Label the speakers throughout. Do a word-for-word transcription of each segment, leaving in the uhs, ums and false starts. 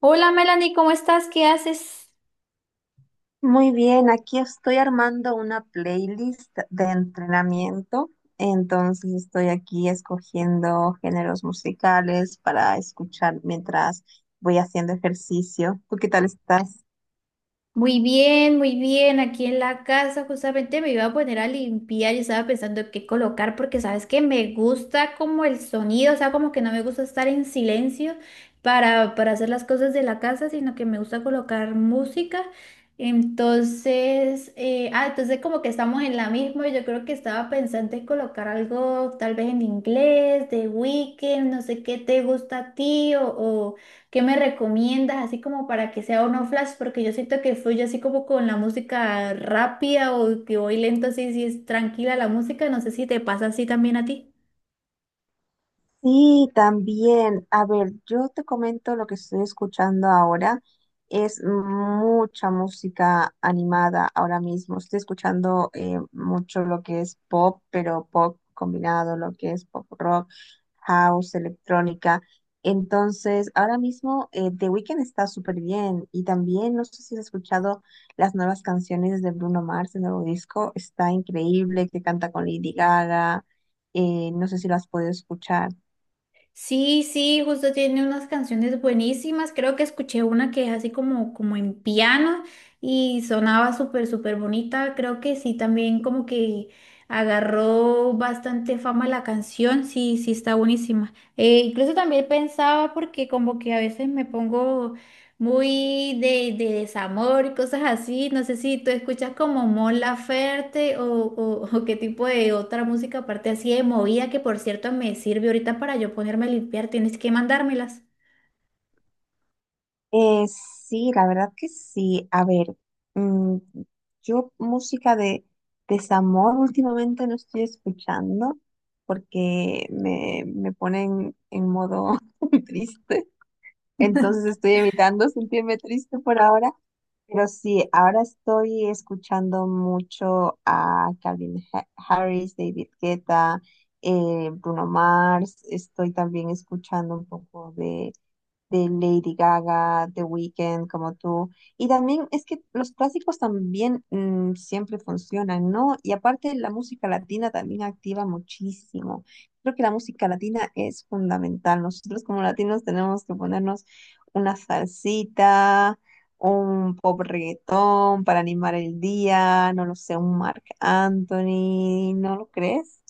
Speaker 1: Hola Melanie, ¿cómo estás? ¿Qué haces?
Speaker 2: Muy bien, aquí estoy armando una playlist de entrenamiento, entonces estoy aquí escogiendo géneros musicales para escuchar mientras voy haciendo ejercicio. ¿Tú qué tal estás?
Speaker 1: Muy bien, muy bien. Aquí en la casa justamente me iba a poner a limpiar y estaba pensando qué colocar porque sabes que me gusta como el sonido, o sea, como que no me gusta estar en silencio para, para hacer las cosas de la casa, sino que me gusta colocar música. Entonces, eh, ah, entonces como que estamos en la misma. Yo creo que estaba pensando en colocar algo tal vez en inglés, de Weekend, no sé qué te gusta a ti o... o ¿Qué me recomiendas así como para que sea uno flash? Porque yo siento que fluye así como con la música rápida o que voy lento así, si es tranquila la música, no sé si te pasa así también a ti.
Speaker 2: Sí, también. A ver, yo te comento lo que estoy escuchando ahora. Es mucha música animada ahora mismo. Estoy escuchando eh, mucho lo que es pop, pero pop combinado, lo que es pop rock, house, electrónica. Entonces, ahora mismo eh, The Weeknd está súper bien. Y también, no sé si has escuchado las nuevas canciones de Bruno Mars, el nuevo disco. Está increíble, que canta con Lady Gaga. Eh, no sé si lo has podido escuchar.
Speaker 1: Sí, sí, justo tiene unas canciones buenísimas, creo que escuché una que es así como, como en piano y sonaba súper, súper bonita, creo que sí, también como que agarró bastante fama la canción, sí, sí, está buenísima. Eh, incluso también pensaba porque como que a veces me pongo muy de, de desamor y cosas así. No sé si tú escuchas como Mon Laferte o, o, o qué tipo de otra música aparte así de movida que por cierto me sirve ahorita para yo ponerme a limpiar. Tienes que mandármelas.
Speaker 2: Eh, sí, la verdad que sí. A ver, mm, yo música de desamor últimamente no estoy escuchando porque me, me ponen en modo triste. Entonces estoy evitando sentirme triste por ahora. Pero sí, ahora estoy escuchando mucho a Calvin Ha- Harris, David Guetta, eh, Bruno Mars. Estoy también escuchando un poco de, de Lady Gaga, The Weeknd, como tú. Y también es que los clásicos también mm, siempre funcionan, ¿no? Y aparte la música latina también activa muchísimo. Creo que la música latina es fundamental. Nosotros como latinos tenemos que ponernos una salsita, un pop reggaetón para animar el día, no lo sé, un Marc Anthony, ¿no lo crees?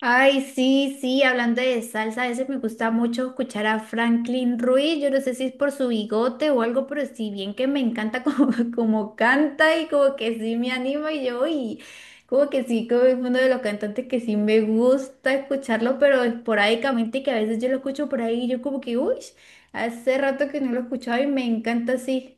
Speaker 1: Ay, sí, sí, hablando de salsa, a veces me gusta mucho escuchar a Franklin Ruiz, yo no sé si es por su bigote o algo, pero si bien que me encanta como, como canta y como que sí me anima y yo, y como que sí, como es uno de los cantantes que sí me gusta escucharlo, pero esporádicamente que a veces yo lo escucho por ahí y yo como que, uy, hace rato que no lo escuchaba y me encanta así.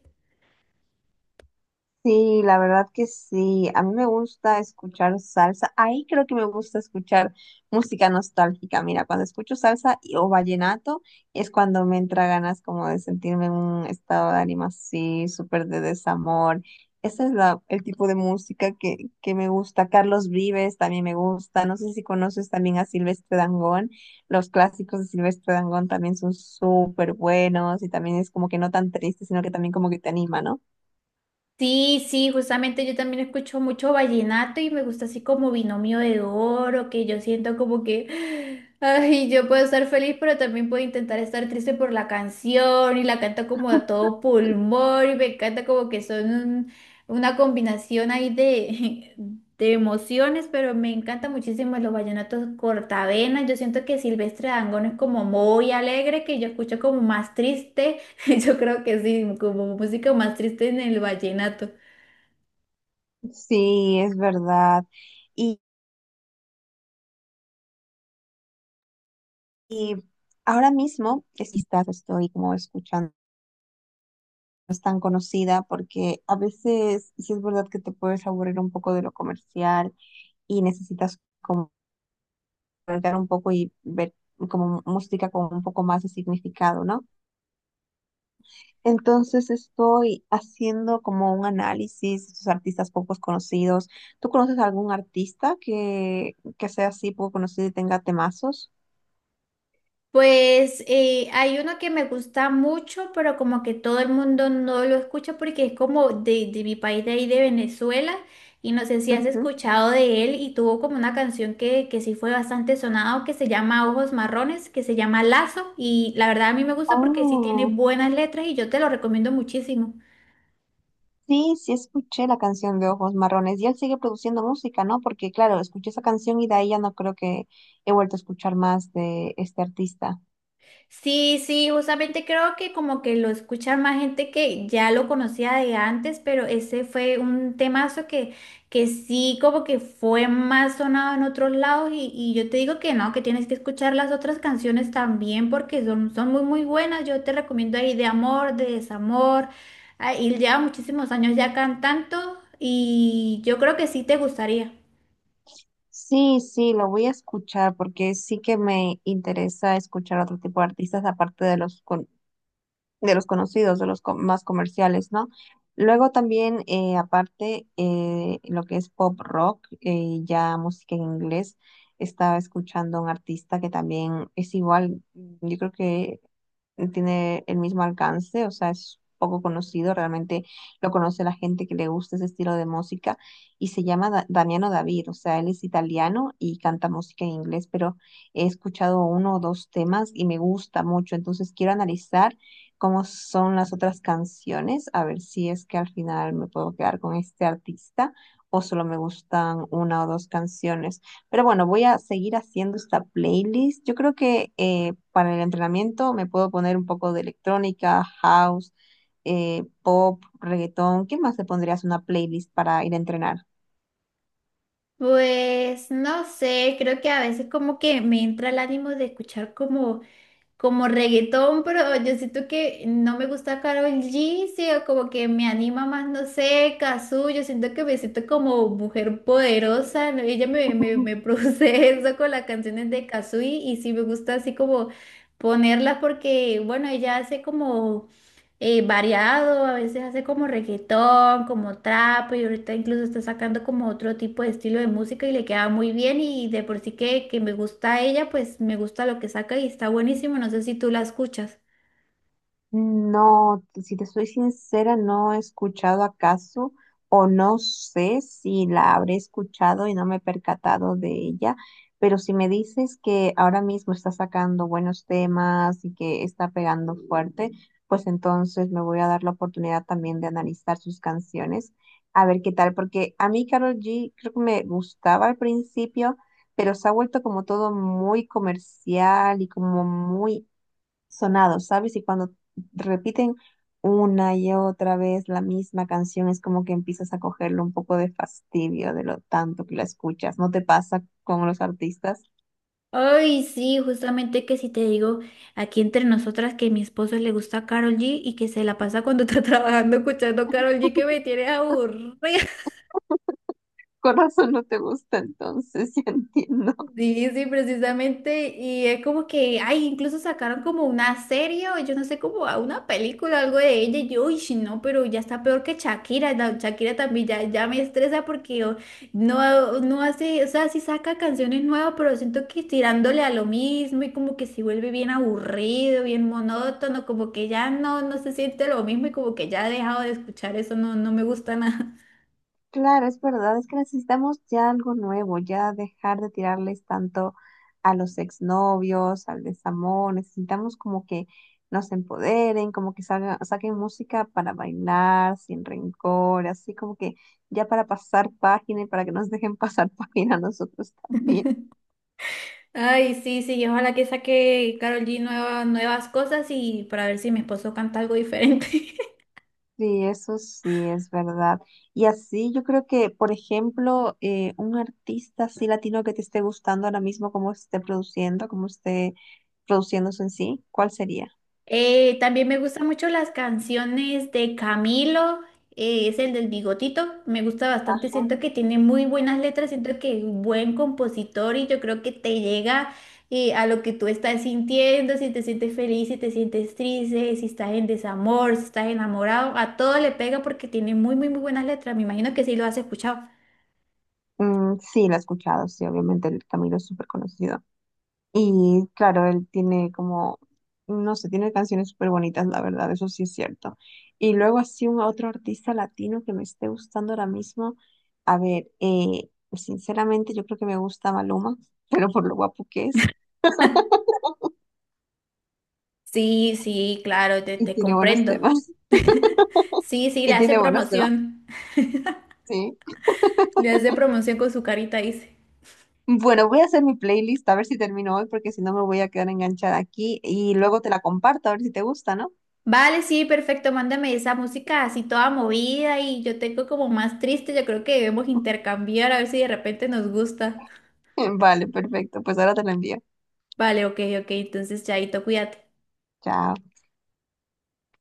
Speaker 2: Sí, la verdad que sí. A mí me gusta escuchar salsa. Ahí creo que me gusta escuchar música nostálgica. Mira, cuando escucho salsa y- o vallenato es cuando me entra ganas como de sentirme en un estado de ánimo así, súper de desamor. Ese es la, el tipo de música que, que me gusta. Carlos Vives también me gusta. No sé si conoces también a Silvestre Dangond. Los clásicos de Silvestre Dangond también son súper buenos y también es como que no tan triste, sino que también como que te anima, ¿no?
Speaker 1: Sí, sí, justamente yo también escucho mucho vallenato y me gusta así como binomio de oro, que yo siento como que, ay, yo puedo estar feliz, pero también puedo intentar estar triste por la canción y la canta como a todo pulmón y me encanta como que son un- una combinación ahí de, de emociones, pero me encanta muchísimo los vallenatos cortavenas, yo siento que Silvestre Dangond es como muy alegre, que yo escucho como más triste. Yo creo que sí, como música más triste en el vallenato.
Speaker 2: Sí, es verdad. Y, y ahora mismo, es- quizás estoy como escuchando, no es tan conocida porque a veces sí es verdad que te puedes aburrir un poco de lo comercial y necesitas como voltear un poco y ver como música con un poco más de significado, ¿no? Entonces estoy haciendo como un análisis de estos artistas poco conocidos. ¿Tú conoces algún artista que, que sea así poco conocido y tenga temazos?
Speaker 1: Pues eh, hay uno que me gusta mucho, pero como que todo el mundo no lo escucha porque es como de, de mi país de ahí, de Venezuela, y no sé si has
Speaker 2: Ujú.
Speaker 1: escuchado de él y tuvo como una canción que, que sí fue bastante sonado, que se llama Ojos Marrones, que se llama Lazo, y la verdad a mí me gusta porque sí tiene
Speaker 2: Oh,
Speaker 1: buenas letras y yo te lo recomiendo muchísimo.
Speaker 2: sí, sí escuché la canción de Ojos Marrones y él sigue produciendo música, ¿no? Porque claro, escuché esa canción y de ahí ya no creo que he vuelto a escuchar más de este artista.
Speaker 1: Sí, sí, justamente creo que como que lo escucha más gente que ya lo conocía de antes, pero ese fue un temazo que, que sí como que fue más sonado en otros lados y, y yo te digo que no, que tienes que escuchar las otras canciones también porque son, son muy muy buenas, yo te recomiendo ahí de amor, de desamor, ah, y lleva muchísimos años ya cantando y yo creo que sí te gustaría.
Speaker 2: Sí, sí, lo voy a escuchar porque sí que me interesa escuchar otro tipo de artistas aparte de los, con- de los conocidos, de los co- más comerciales, ¿no? Luego también, eh, aparte, eh, lo que es pop rock, eh, ya música en inglés, estaba escuchando a un artista que también es igual, yo creo que tiene el mismo alcance, o sea, es poco conocido, realmente lo conoce la gente que le gusta ese estilo de música, y se llama Da- Damiano David, o sea, él es italiano y canta música en inglés, pero he escuchado uno o dos temas y me gusta mucho, entonces quiero analizar cómo son las otras canciones, a ver si es que al final me puedo quedar con este artista o solo me gustan una o dos canciones. Pero bueno, voy a seguir haciendo esta playlist. Yo creo que eh, para el entrenamiento me puedo poner un poco de electrónica, house, eh, pop, reggaetón. ¿Qué más te pondrías una playlist para ir a entrenar?
Speaker 1: Pues no sé, creo que a veces como que me entra el ánimo de escuchar como como reggaetón, pero yo siento que no me gusta Karol G, sí, o como que me anima más, no sé, Cazzu, yo siento que me siento como mujer poderosa, ¿no? Ella me, me, me produce eso con las canciones de Cazzu y, y sí me gusta así como ponerlas porque, bueno, ella hace como eh, variado, a veces hace como reggaetón, como trap, y ahorita incluso está sacando como otro tipo de estilo de música y le queda muy bien y de por sí que, que me gusta ella, pues me gusta lo que saca y está buenísimo, no sé si tú la escuchas.
Speaker 2: No, si te soy sincera, no he escuchado acaso o no sé si la habré escuchado y no me he percatado de ella, pero si me dices que ahora mismo está sacando buenos temas y que está pegando fuerte, pues entonces me voy a dar la oportunidad también de analizar sus canciones, a ver qué tal, porque a mí Karol G creo que me gustaba al principio, pero se ha vuelto como todo muy comercial y como muy sonados, ¿sabes? Y cuando repiten una y otra vez la misma canción, es como que empiezas a cogerle un poco de fastidio de lo tanto que la escuchas. ¿No te pasa con los artistas?
Speaker 1: Ay, sí, justamente que si te digo aquí entre nosotras que a mi esposo le gusta Karol G y que se la pasa cuando está trabajando escuchando Karol G que me tiene aburrida.
Speaker 2: Corazón no te gusta, entonces ya entiendo.
Speaker 1: Sí, sí, precisamente. Y es como que, ay, incluso sacaron como una serie o yo no sé, como a una película, algo de ella. Y yo, uy, sí, no, pero ya está peor que Shakira. La Shakira también ya, ya me estresa porque oh, no, no hace, o sea, sí saca canciones nuevas, pero siento que tirándole a lo mismo y como que se vuelve bien aburrido, bien monótono, como que ya no, no se siente lo mismo y como que ya he dejado de escuchar eso, no, no me gusta nada.
Speaker 2: Claro, es verdad, es que necesitamos ya algo nuevo, ya dejar de tirarles tanto a los exnovios, al desamor, necesitamos como que nos empoderen, como que salga- saquen música para bailar sin rencor, así como que ya para pasar página y para que nos dejen pasar página a nosotros también.
Speaker 1: Ay, sí, sí, y ojalá que saque Karol G nueva- nuevas cosas y para ver si mi esposo canta algo diferente.
Speaker 2: Sí, eso sí es verdad. Y así yo creo que, por ejemplo, eh, un artista así latino que te esté gustando ahora mismo, cómo esté produciendo, cómo esté produciéndose en sí, ¿cuál sería?
Speaker 1: Eh, también me gustan mucho las canciones de Camilo, eh, es el del bigotito, me gusta bastante,
Speaker 2: Ajá.
Speaker 1: siento que tiene muy buenas letras, siento que es un buen compositor y yo creo que te llega eh, a lo que tú estás sintiendo, si te sientes feliz, si te sientes triste, si estás en desamor, si estás enamorado, a todo le pega porque tiene muy, muy, muy buenas letras, me imagino que sí lo has escuchado.
Speaker 2: Mm, sí, la he escuchado, sí, obviamente el Camilo es súper conocido. Y claro, él tiene como, no sé, tiene canciones súper bonitas, la verdad, eso sí es cierto. Y luego así un otro artista latino que me esté gustando ahora mismo. A ver, eh, sinceramente yo creo que me gusta Maluma, pero por lo guapo que es
Speaker 1: Sí, sí, claro, te,
Speaker 2: y
Speaker 1: te
Speaker 2: tiene buenos
Speaker 1: comprendo.
Speaker 2: temas.
Speaker 1: Sí, sí, le
Speaker 2: Y
Speaker 1: hace
Speaker 2: tiene buenos temas,
Speaker 1: promoción.
Speaker 2: sí.
Speaker 1: Le hace promoción con su carita, dice.
Speaker 2: Bueno, voy a hacer mi playlist a ver si termino hoy porque si no me voy a quedar enganchada aquí y luego te la comparto a ver si te gusta, ¿no?
Speaker 1: Vale, sí, perfecto, mándame esa música así toda movida y yo tengo como más triste, yo creo que debemos intercambiar a ver si de repente nos gusta.
Speaker 2: Vale, perfecto. Pues ahora te la envío.
Speaker 1: Vale, ok, ok, entonces chaito, cuídate.
Speaker 2: Chao.